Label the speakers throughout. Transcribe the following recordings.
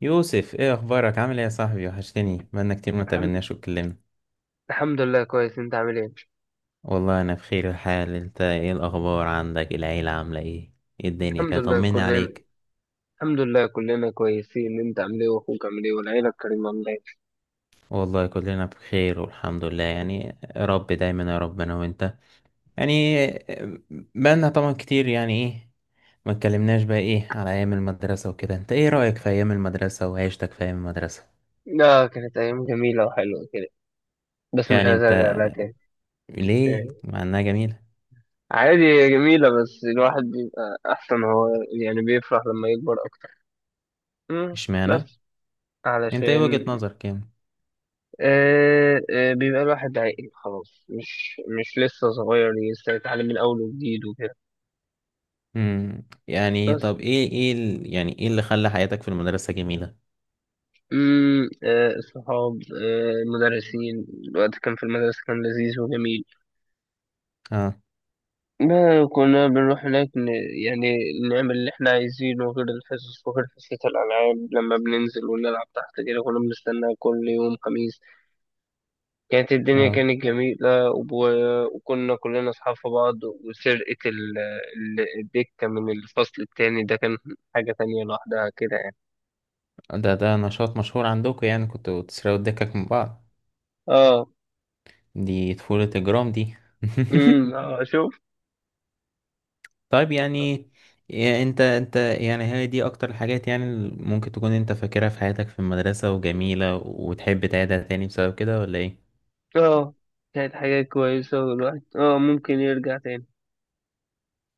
Speaker 1: يوسف، ايه اخبارك؟ عامل ايه يا صاحبي؟ وحشتني، بقالنا كتير ما
Speaker 2: الحمد
Speaker 1: تقابلناش واتكلمنا.
Speaker 2: الحمد لله. كويس، انت عامل ايه؟
Speaker 1: والله انا بخير الحال. انت ايه الاخبار؟ عندك العيله عامله ايه؟ ايه الدنيا
Speaker 2: الحمد
Speaker 1: كده؟
Speaker 2: لله
Speaker 1: طمني
Speaker 2: كلنا
Speaker 1: عليك.
Speaker 2: الحمد لله كلنا كويسين. انت عامل ايه؟ واخوك عامل ايه؟ والعيله الكريمه عامله ايه؟
Speaker 1: والله كلنا بخير والحمد لله يعني. يا رب دايما، يا رب انا وانت يعني. بقالنا طبعا كتير يعني، ايه، ما اتكلمناش بقى، ايه، على ايام المدرسه وكده. انت ايه رايك في ايام المدرسه وعيشتك في ايام المدرسه؟
Speaker 2: لا، كانت ايام جميله وحلوه كده، بس مش
Speaker 1: يعني
Speaker 2: عايز
Speaker 1: انت
Speaker 2: ارجع لها تاني.
Speaker 1: ليه
Speaker 2: يعني
Speaker 1: مع انها جميله؟
Speaker 2: عادي، هي جميله بس الواحد بيبقى احسن، هو يعني بيفرح لما يكبر اكتر. امم،
Speaker 1: اشمعنى؟
Speaker 2: بس
Speaker 1: انت ايه
Speaker 2: علشان.
Speaker 1: وجهه نظرك يعني؟
Speaker 2: آه، آه، بيبقى الواحد عاقل خلاص، مش لسه صغير، لسه يتعلم من اول وجديد وكده.
Speaker 1: يعني
Speaker 2: بس.
Speaker 1: طب ايه يعني ايه اللي خلى حياتك في المدرسة جميلة؟
Speaker 2: الصحاب، المدرسين. الوقت كان في المدرسة كان لذيذ وجميل.
Speaker 1: اه،
Speaker 2: ما كنا بنروح هناك يعني نعمل اللي احنا عايزينه، غير الحصص وغير حصة الألعاب لما بننزل ونلعب تحت كده. كنا بنستنى كل يوم خميس. كانت الدنيا
Speaker 1: اه.
Speaker 2: كانت جميلة وكنا كلنا أصحاب في بعض. وسرقة الدكة من الفصل التاني ده كان حاجة تانية لوحدها كده يعني.
Speaker 1: ده نشاط مشهور عندكم؟ يعني كنتوا بتسرقوا الدكك من بعض؟
Speaker 2: اه.
Speaker 1: دي طفولة اجرام دي.
Speaker 2: اه، شوف.
Speaker 1: طيب يعني، إيه، انت يعني هي دي اكتر الحاجات يعني اللي ممكن تكون انت فاكرها في حياتك في المدرسة وجميلة وتحب تعيدها تاني بسبب كده ولا ايه؟
Speaker 2: اه، كانت حاجة كويسة، والواحد ممكن يرجع تاني.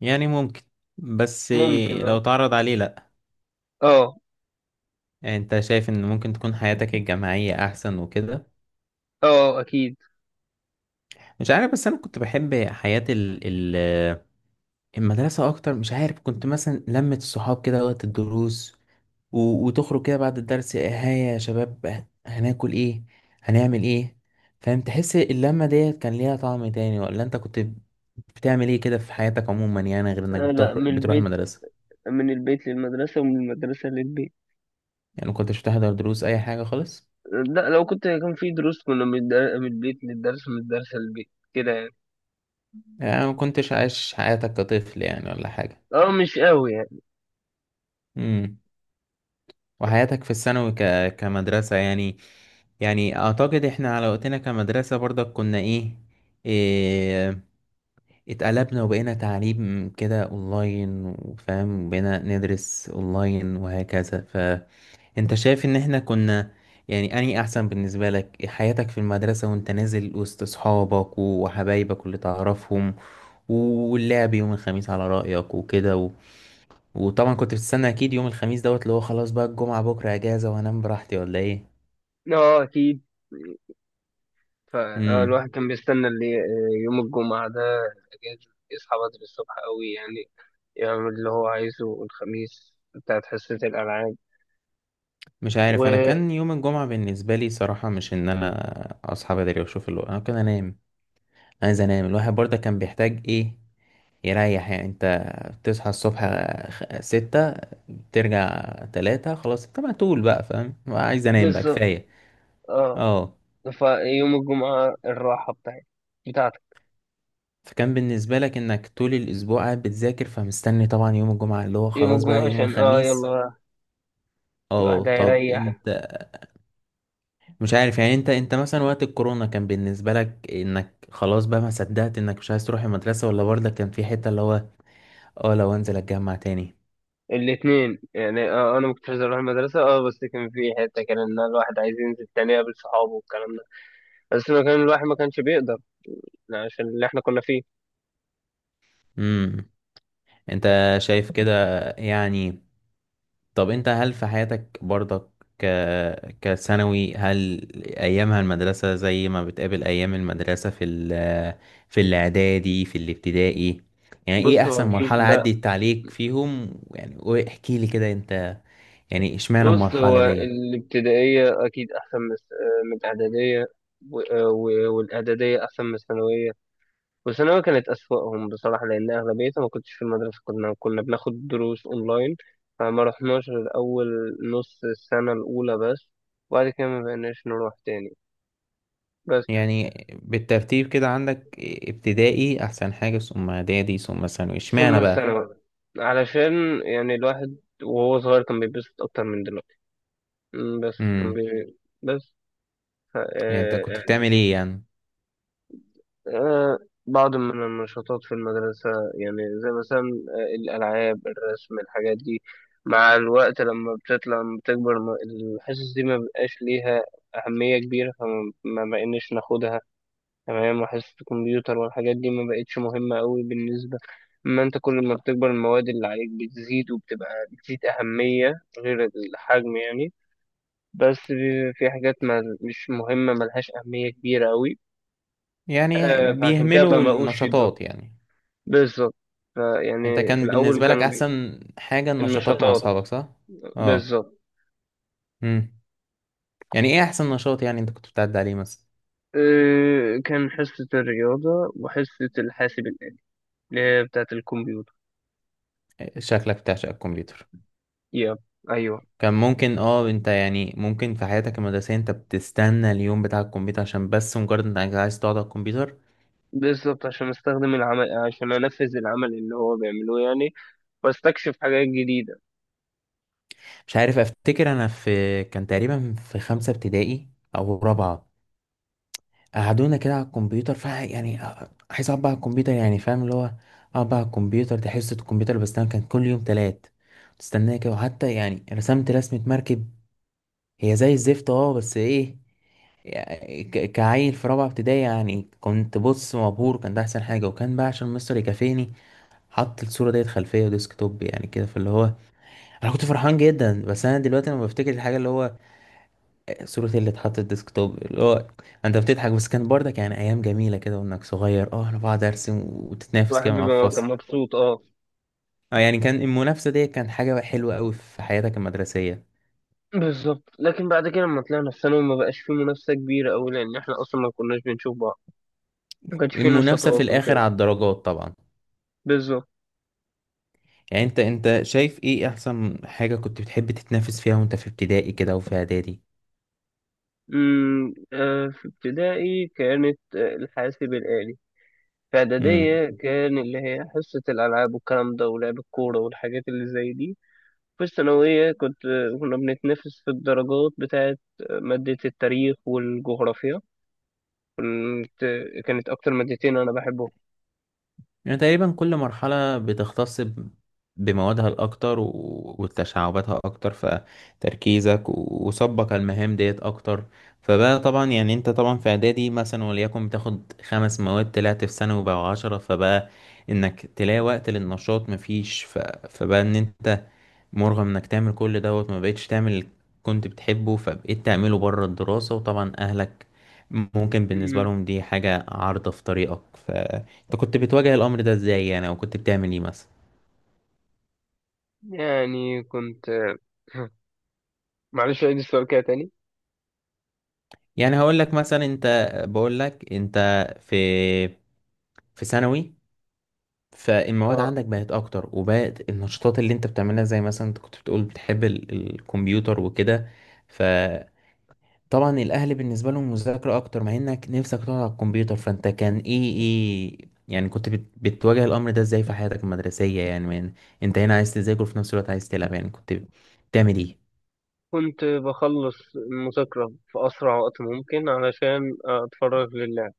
Speaker 1: يعني ممكن بس.
Speaker 2: ممكن
Speaker 1: لو
Speaker 2: اه.
Speaker 1: تعرض عليه لا.
Speaker 2: اه،
Speaker 1: يعني انت شايف ان ممكن تكون حياتك الجامعية احسن وكده؟
Speaker 2: اه، اكيد.
Speaker 1: مش عارف بس انا كنت بحب حياة ال المدرسة اكتر. مش عارف كنت مثلا لمة الصحاب كده وقت الدروس، وتخرج كده بعد الدرس، هيا يا شباب هناكل ايه؟ هنعمل ايه؟ فاهم؟ تحس اللمة ديت كان ليها طعم تاني ولا انت كنت بتعمل ايه كده في حياتك عموما يعني غير انك
Speaker 2: آه،
Speaker 1: بتروح
Speaker 2: لا، من
Speaker 1: بتروح
Speaker 2: البيت.
Speaker 1: المدرسة؟
Speaker 2: من البيت للمدرسة ومن المدرسة للبيت.
Speaker 1: يعني ما كنتش بتحضر دروس اي حاجة خالص؟
Speaker 2: لا، لو كنت كان في دروس، كنا من البيت للدرس ومن الدرس للبيت كده يعني.
Speaker 1: يعني ما كنتش عايش حياتك كطفل يعني ولا حاجة؟
Speaker 2: اه، مش قوي يعني.
Speaker 1: امم. وحياتك في الثانوي كمدرسة يعني. يعني اعتقد احنا على وقتنا كمدرسة برضك كنا إيه، اتقلبنا وبقينا تعليم كده اونلاين وفاهم، بقينا ندرس اونلاين وهكذا. فانت شايف ان احنا كنا يعني اني احسن بالنسبة لك حياتك في المدرسة وانت نازل وسط اصحابك وحبايبك اللي تعرفهم واللعب يوم الخميس على رأيك وكده. وطبعا كنت بتستنى اكيد يوم الخميس دوت اللي هو خلاص بقى الجمعة بكرة اجازة وهنام براحتي ولا ايه؟
Speaker 2: اه، اكيد.
Speaker 1: امم
Speaker 2: فالواحد كان بيستنى اللي، يوم الجمعة ده أجازة، يصحى بدري الصبح قوي يعني، يعمل اللي هو عايزه الخميس بتاعت حصة الألعاب.
Speaker 1: مش عارف، انا كان يوم الجمعة بالنسبة لي صراحة مش ان انا اصحى بدري واشوف الوقت. انا كان انام، عايز انام. الواحد برضه كان بيحتاج ايه، يريح. يعني انت بتصحى الصبح 6، ترجع 3، خلاص انت مقتول بقى، فاهم، عايز انام بقى،
Speaker 2: وبالظبط،
Speaker 1: كفاية.
Speaker 2: اه.
Speaker 1: اه.
Speaker 2: فيوم الجمعة الراحة بتاعتي بتاعتك.
Speaker 1: فكان بالنسبة لك انك طول الاسبوع قاعد بتذاكر فمستني طبعا يوم الجمعة اللي هو
Speaker 2: يوم
Speaker 1: خلاص
Speaker 2: الجمعة
Speaker 1: بقى يوم
Speaker 2: عشان
Speaker 1: الخميس.
Speaker 2: يلا
Speaker 1: اه
Speaker 2: الواحد
Speaker 1: طب
Speaker 2: هيريح.
Speaker 1: انت، مش عارف يعني، انت مثلا وقت الكورونا كان بالنسبة لك انك خلاص بقى ما صدقت انك مش عايز تروح المدرسة؟ ولا برضه كان في حتة اللي هو اه لو انزل اتجمع تاني؟
Speaker 2: الاتنين يعني. اه، انا ما كنتش عايز اروح المدرسة، اه، بس كان في حتة كان ان الواحد عايز ينزل تاني يقابل صحابه والكلام ده. بس ما كان الواحد ما كانش بيقدر يعني، عشان اللي احنا كنا فيه.
Speaker 1: امم انت شايف كده يعني؟ طب انت هل في حياتك برضك ك كثانوي، هل ايامها المدرسة زي ما بتقابل ايام المدرسة في في الاعدادي، في الابتدائي؟ يعني ايه
Speaker 2: بص، هو
Speaker 1: احسن
Speaker 2: اكيد
Speaker 1: مرحلة
Speaker 2: لا.
Speaker 1: عدت عليك فيهم يعني؟ واحكي لي كده انت، يعني اشمعنى
Speaker 2: بص،
Speaker 1: المرحلة
Speaker 2: هو
Speaker 1: ديت؟
Speaker 2: الابتدائية اكيد احسن من الاعدادية. والاعدادية احسن من الثانوية. وثانوي كانت أسوأهم بصراحة، لأن أغلبيتها ما كنتش في المدرسة. كنا بناخد دروس أونلاين. فما رحناش غير أول نص السنة الأولى بس، وبعد كده ما بقيناش نروح تاني. بس.
Speaker 1: يعني بالترتيب كده عندك ابتدائي احسن حاجه، ثم اعدادي، ثم ثانوي،
Speaker 2: ثم
Speaker 1: اشمعنى بقى؟
Speaker 2: الثانوي، علشان يعني الواحد وهو صغير كان بيتبسط أكتر من دلوقتي. بس كان
Speaker 1: امم
Speaker 2: بس ف...
Speaker 1: يعني انت
Speaker 2: آه،
Speaker 1: كنت بتعمل ايه يعني؟
Speaker 2: آه، بعض من النشاطات في المدرسة، يعني زي مثلا الألعاب، الرسم، الحاجات دي. مع الوقت لما بتطلع لما بتكبر الحصص دي ما بقاش ليها أهمية كبيرة، فما ما بقيناش ناخدها. تمام. وحصص الكمبيوتر والحاجات دي ما بقتش مهمة أوي بالنسبة. أما أنت كل ما بتكبر المواد اللي عليك بتزيد، وبتبقى بتزيد أهمية غير الحجم يعني. بس في حاجات ما مش مهمة، ملهاش أهمية كبيرة أوي.
Speaker 1: يعني
Speaker 2: فعشان كده
Speaker 1: بيهملوا
Speaker 2: ما بقوش يدوها.
Speaker 1: النشاطات يعني؟
Speaker 2: بالظبط.
Speaker 1: انت
Speaker 2: فيعني في
Speaker 1: كان
Speaker 2: الأول
Speaker 1: بالنسبه لك احسن حاجه النشاطات مع
Speaker 2: النشاطات.
Speaker 1: اصحابك، صح؟ اه.
Speaker 2: بالظبط.
Speaker 1: امم يعني ايه احسن نشاط يعني انت كنت بتعدي عليه مثلا؟
Speaker 2: كان حصة الرياضة وحصة الحاسب الآلي اللي هي بتاعة الكمبيوتر.
Speaker 1: شكلك بتعشق الكمبيوتر.
Speaker 2: يا أيوه.
Speaker 1: كان ممكن، انت يعني ممكن في حياتك المدرسيه انت بتستنى اليوم بتاع الكمبيوتر عشان بس مجرد انك عايز تقعد على الكمبيوتر.
Speaker 2: بالظبط، عشان أستخدم العمل، عشان أنفذ العمل اللي هو بيعمله يعني، وأستكشف حاجات جديدة.
Speaker 1: مش عارف افتكر انا، في كان تقريبا في خمسة ابتدائي او رابعة، قعدونا كده على الكمبيوتر، ف يعني عايز اقعد بقى على الكمبيوتر، يعني فاهم اللي هو اقعد بقى على الكمبيوتر، دي حصة الكمبيوتر بس. انا كان كل يوم تلات تستناه كده. وحتى يعني رسمت رسمة مركب، هي زي الزفت، بس ايه، يعني كعيل في رابعة ابتدائي يعني كنت بص مبهور، كان ده أحسن حاجة. وكان بقى عشان مستر يكافئني حط الصورة ديت خلفية وديسك توب، يعني كده فاللي هو أنا كنت فرحان جدا. بس أنا دلوقتي لما بفتكر الحاجة اللي هو صورة اللي اتحطت ديسكتوب اللي هو انت بتضحك. بس كان برضه يعني ايام جميلة كده، وانك صغير، انا بقعد ارسم وتتنافس
Speaker 2: الواحد
Speaker 1: كده مع
Speaker 2: بيبقى كان
Speaker 1: الفصل.
Speaker 2: مبسوط أه.
Speaker 1: اه يعني كان المنافسة دي كان حاجة حلوة قوي في حياتك المدرسية.
Speaker 2: بالظبط. لكن بعد كده لما طلعنا في ثانوي ما بقاش في منافسة كبيرة أوي، لأن إحنا أصلا ما كناش بنشوف بعض. ما كانش في
Speaker 1: المنافسة في
Speaker 2: نشاطات
Speaker 1: الاخر
Speaker 2: وكده.
Speaker 1: على الدرجات طبعا.
Speaker 2: بالظبط.
Speaker 1: يعني انت شايف ايه احسن حاجة كنت بتحب تتنافس فيها وانت في ابتدائي كده وفي اعدادي؟
Speaker 2: في ابتدائي كانت الحاسب الآلي. في إعدادية كان اللي هي حصة الألعاب والكلام ده، ولعب الكورة والحاجات اللي زي دي. في الثانوية كنت كنا بنتنافس في الدرجات بتاعة مادة التاريخ والجغرافيا. كنت كانت أكتر مادتين أنا بحبهم.
Speaker 1: يعني تقريبا كل مرحلة بتختص بموادها الأكتر وتشعباتها أكتر، فتركيزك وصبك على المهام ديت أكتر. فبقى طبعا يعني أنت طبعا في إعدادي مثلا وليكن بتاخد خمس مواد، طلعت في ثانوي بقى 10، فبقى إنك تلاقي وقت للنشاط مفيش. فبقى إن أنت مرغم انك تعمل كل دوت، ما بقتش تعمل اللي كنت بتحبه، فبقيت تعمله بره الدراسة. وطبعا اهلك ممكن بالنسبة
Speaker 2: أمم،
Speaker 1: لهم دي حاجة عارضة في طريقك، فانت كنت بتواجه الامر ده ازاي يعني؟ او كنت بتعمل ايه مثلا؟
Speaker 2: يعني كنت معلش، عيد السؤال كده تاني.
Speaker 1: يعني هقول لك مثلا، انت بقول لك انت في في ثانوي، فالمواد
Speaker 2: اه،
Speaker 1: عندك بقت اكتر، وبقت النشاطات اللي انت بتعملها زي مثلا انت كنت بتقول بتحب الكمبيوتر وكده. ف طبعا الاهل بالنسبه لهم مذاكره اكتر مع انك نفسك تقعد على الكمبيوتر، فانت كان ايه يعني كنت بتواجه الامر ده ازاي في حياتك المدرسيه يعني؟ من انت هنا عايز تذاكر وفي نفس الوقت عايز تلعب، يعني كنت بتعمل ايه؟
Speaker 2: كنت بخلص المذاكرة في أسرع وقت ممكن علشان أتفرغ لله.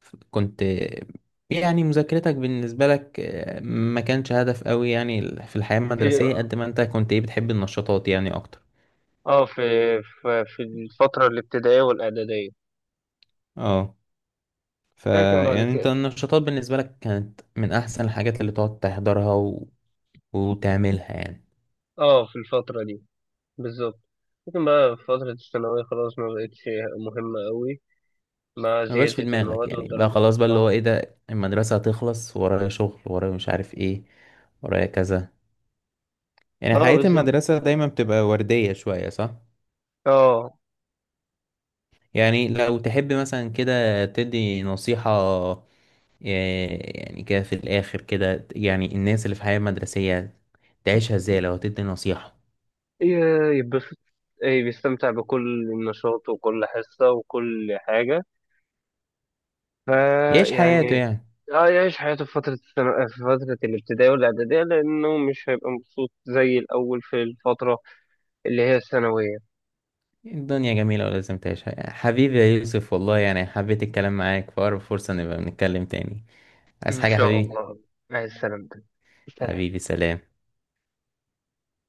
Speaker 1: كنت يعني مذاكرتك بالنسبه لك، ما كانش هدف قوي يعني في الحياه
Speaker 2: في
Speaker 1: المدرسيه قد ما انت كنت ايه بتحب النشاطات يعني اكتر.
Speaker 2: اه في في في الفترة الابتدائية والإعدادية.
Speaker 1: اه ف
Speaker 2: لكن بعد
Speaker 1: يعني انت
Speaker 2: كده.
Speaker 1: النشاطات بالنسبه لك كانت من احسن الحاجات اللي تقعد تحضرها وتعملها يعني.
Speaker 2: اه، في الفترة دي. بالظبط. لكن بقى في فترة الثانوية خلاص ما بقتش مهمة قوي، مع
Speaker 1: ما بقاش في
Speaker 2: زيادة
Speaker 1: دماغك
Speaker 2: المواد
Speaker 1: يعني، بقى
Speaker 2: والدرجات.
Speaker 1: خلاص بقى اللي هو
Speaker 2: اه.
Speaker 1: ايه، ده المدرسة هتخلص ورايا شغل، ورايا مش عارف ايه، ورايا كذا، يعني
Speaker 2: اه،
Speaker 1: حياة
Speaker 2: بالظبط.
Speaker 1: المدرسة دايما بتبقى وردية شوية صح؟
Speaker 2: اه،
Speaker 1: يعني لو تحب مثلا كده تدي نصيحة، يعني كده في الآخر كده يعني الناس اللي في حياة مدرسية تعيشها ازاي لو تدي نصيحة؟
Speaker 2: يتبسط، ايه، بيستمتع بكل نشاط وكل حصة وكل حاجة.
Speaker 1: يعيش حياته
Speaker 2: فيعني
Speaker 1: يعني.
Speaker 2: اه، يعيش حياته في فترة في فترة الابتدائية والإعدادية، لأنه مش هيبقى مبسوط زي الأول في الفترة اللي هي الثانوية.
Speaker 1: الدنيا جميلة ولازم تعيشها حبيبي يا يوسف والله. يعني حبيت الكلام معاك، في أقرب فرصة نبقى بنتكلم تاني. عايز
Speaker 2: إن
Speaker 1: حاجة يا
Speaker 2: شاء
Speaker 1: حبيبي؟
Speaker 2: الله. مع السلامة. سلام.
Speaker 1: حبيبي سلام.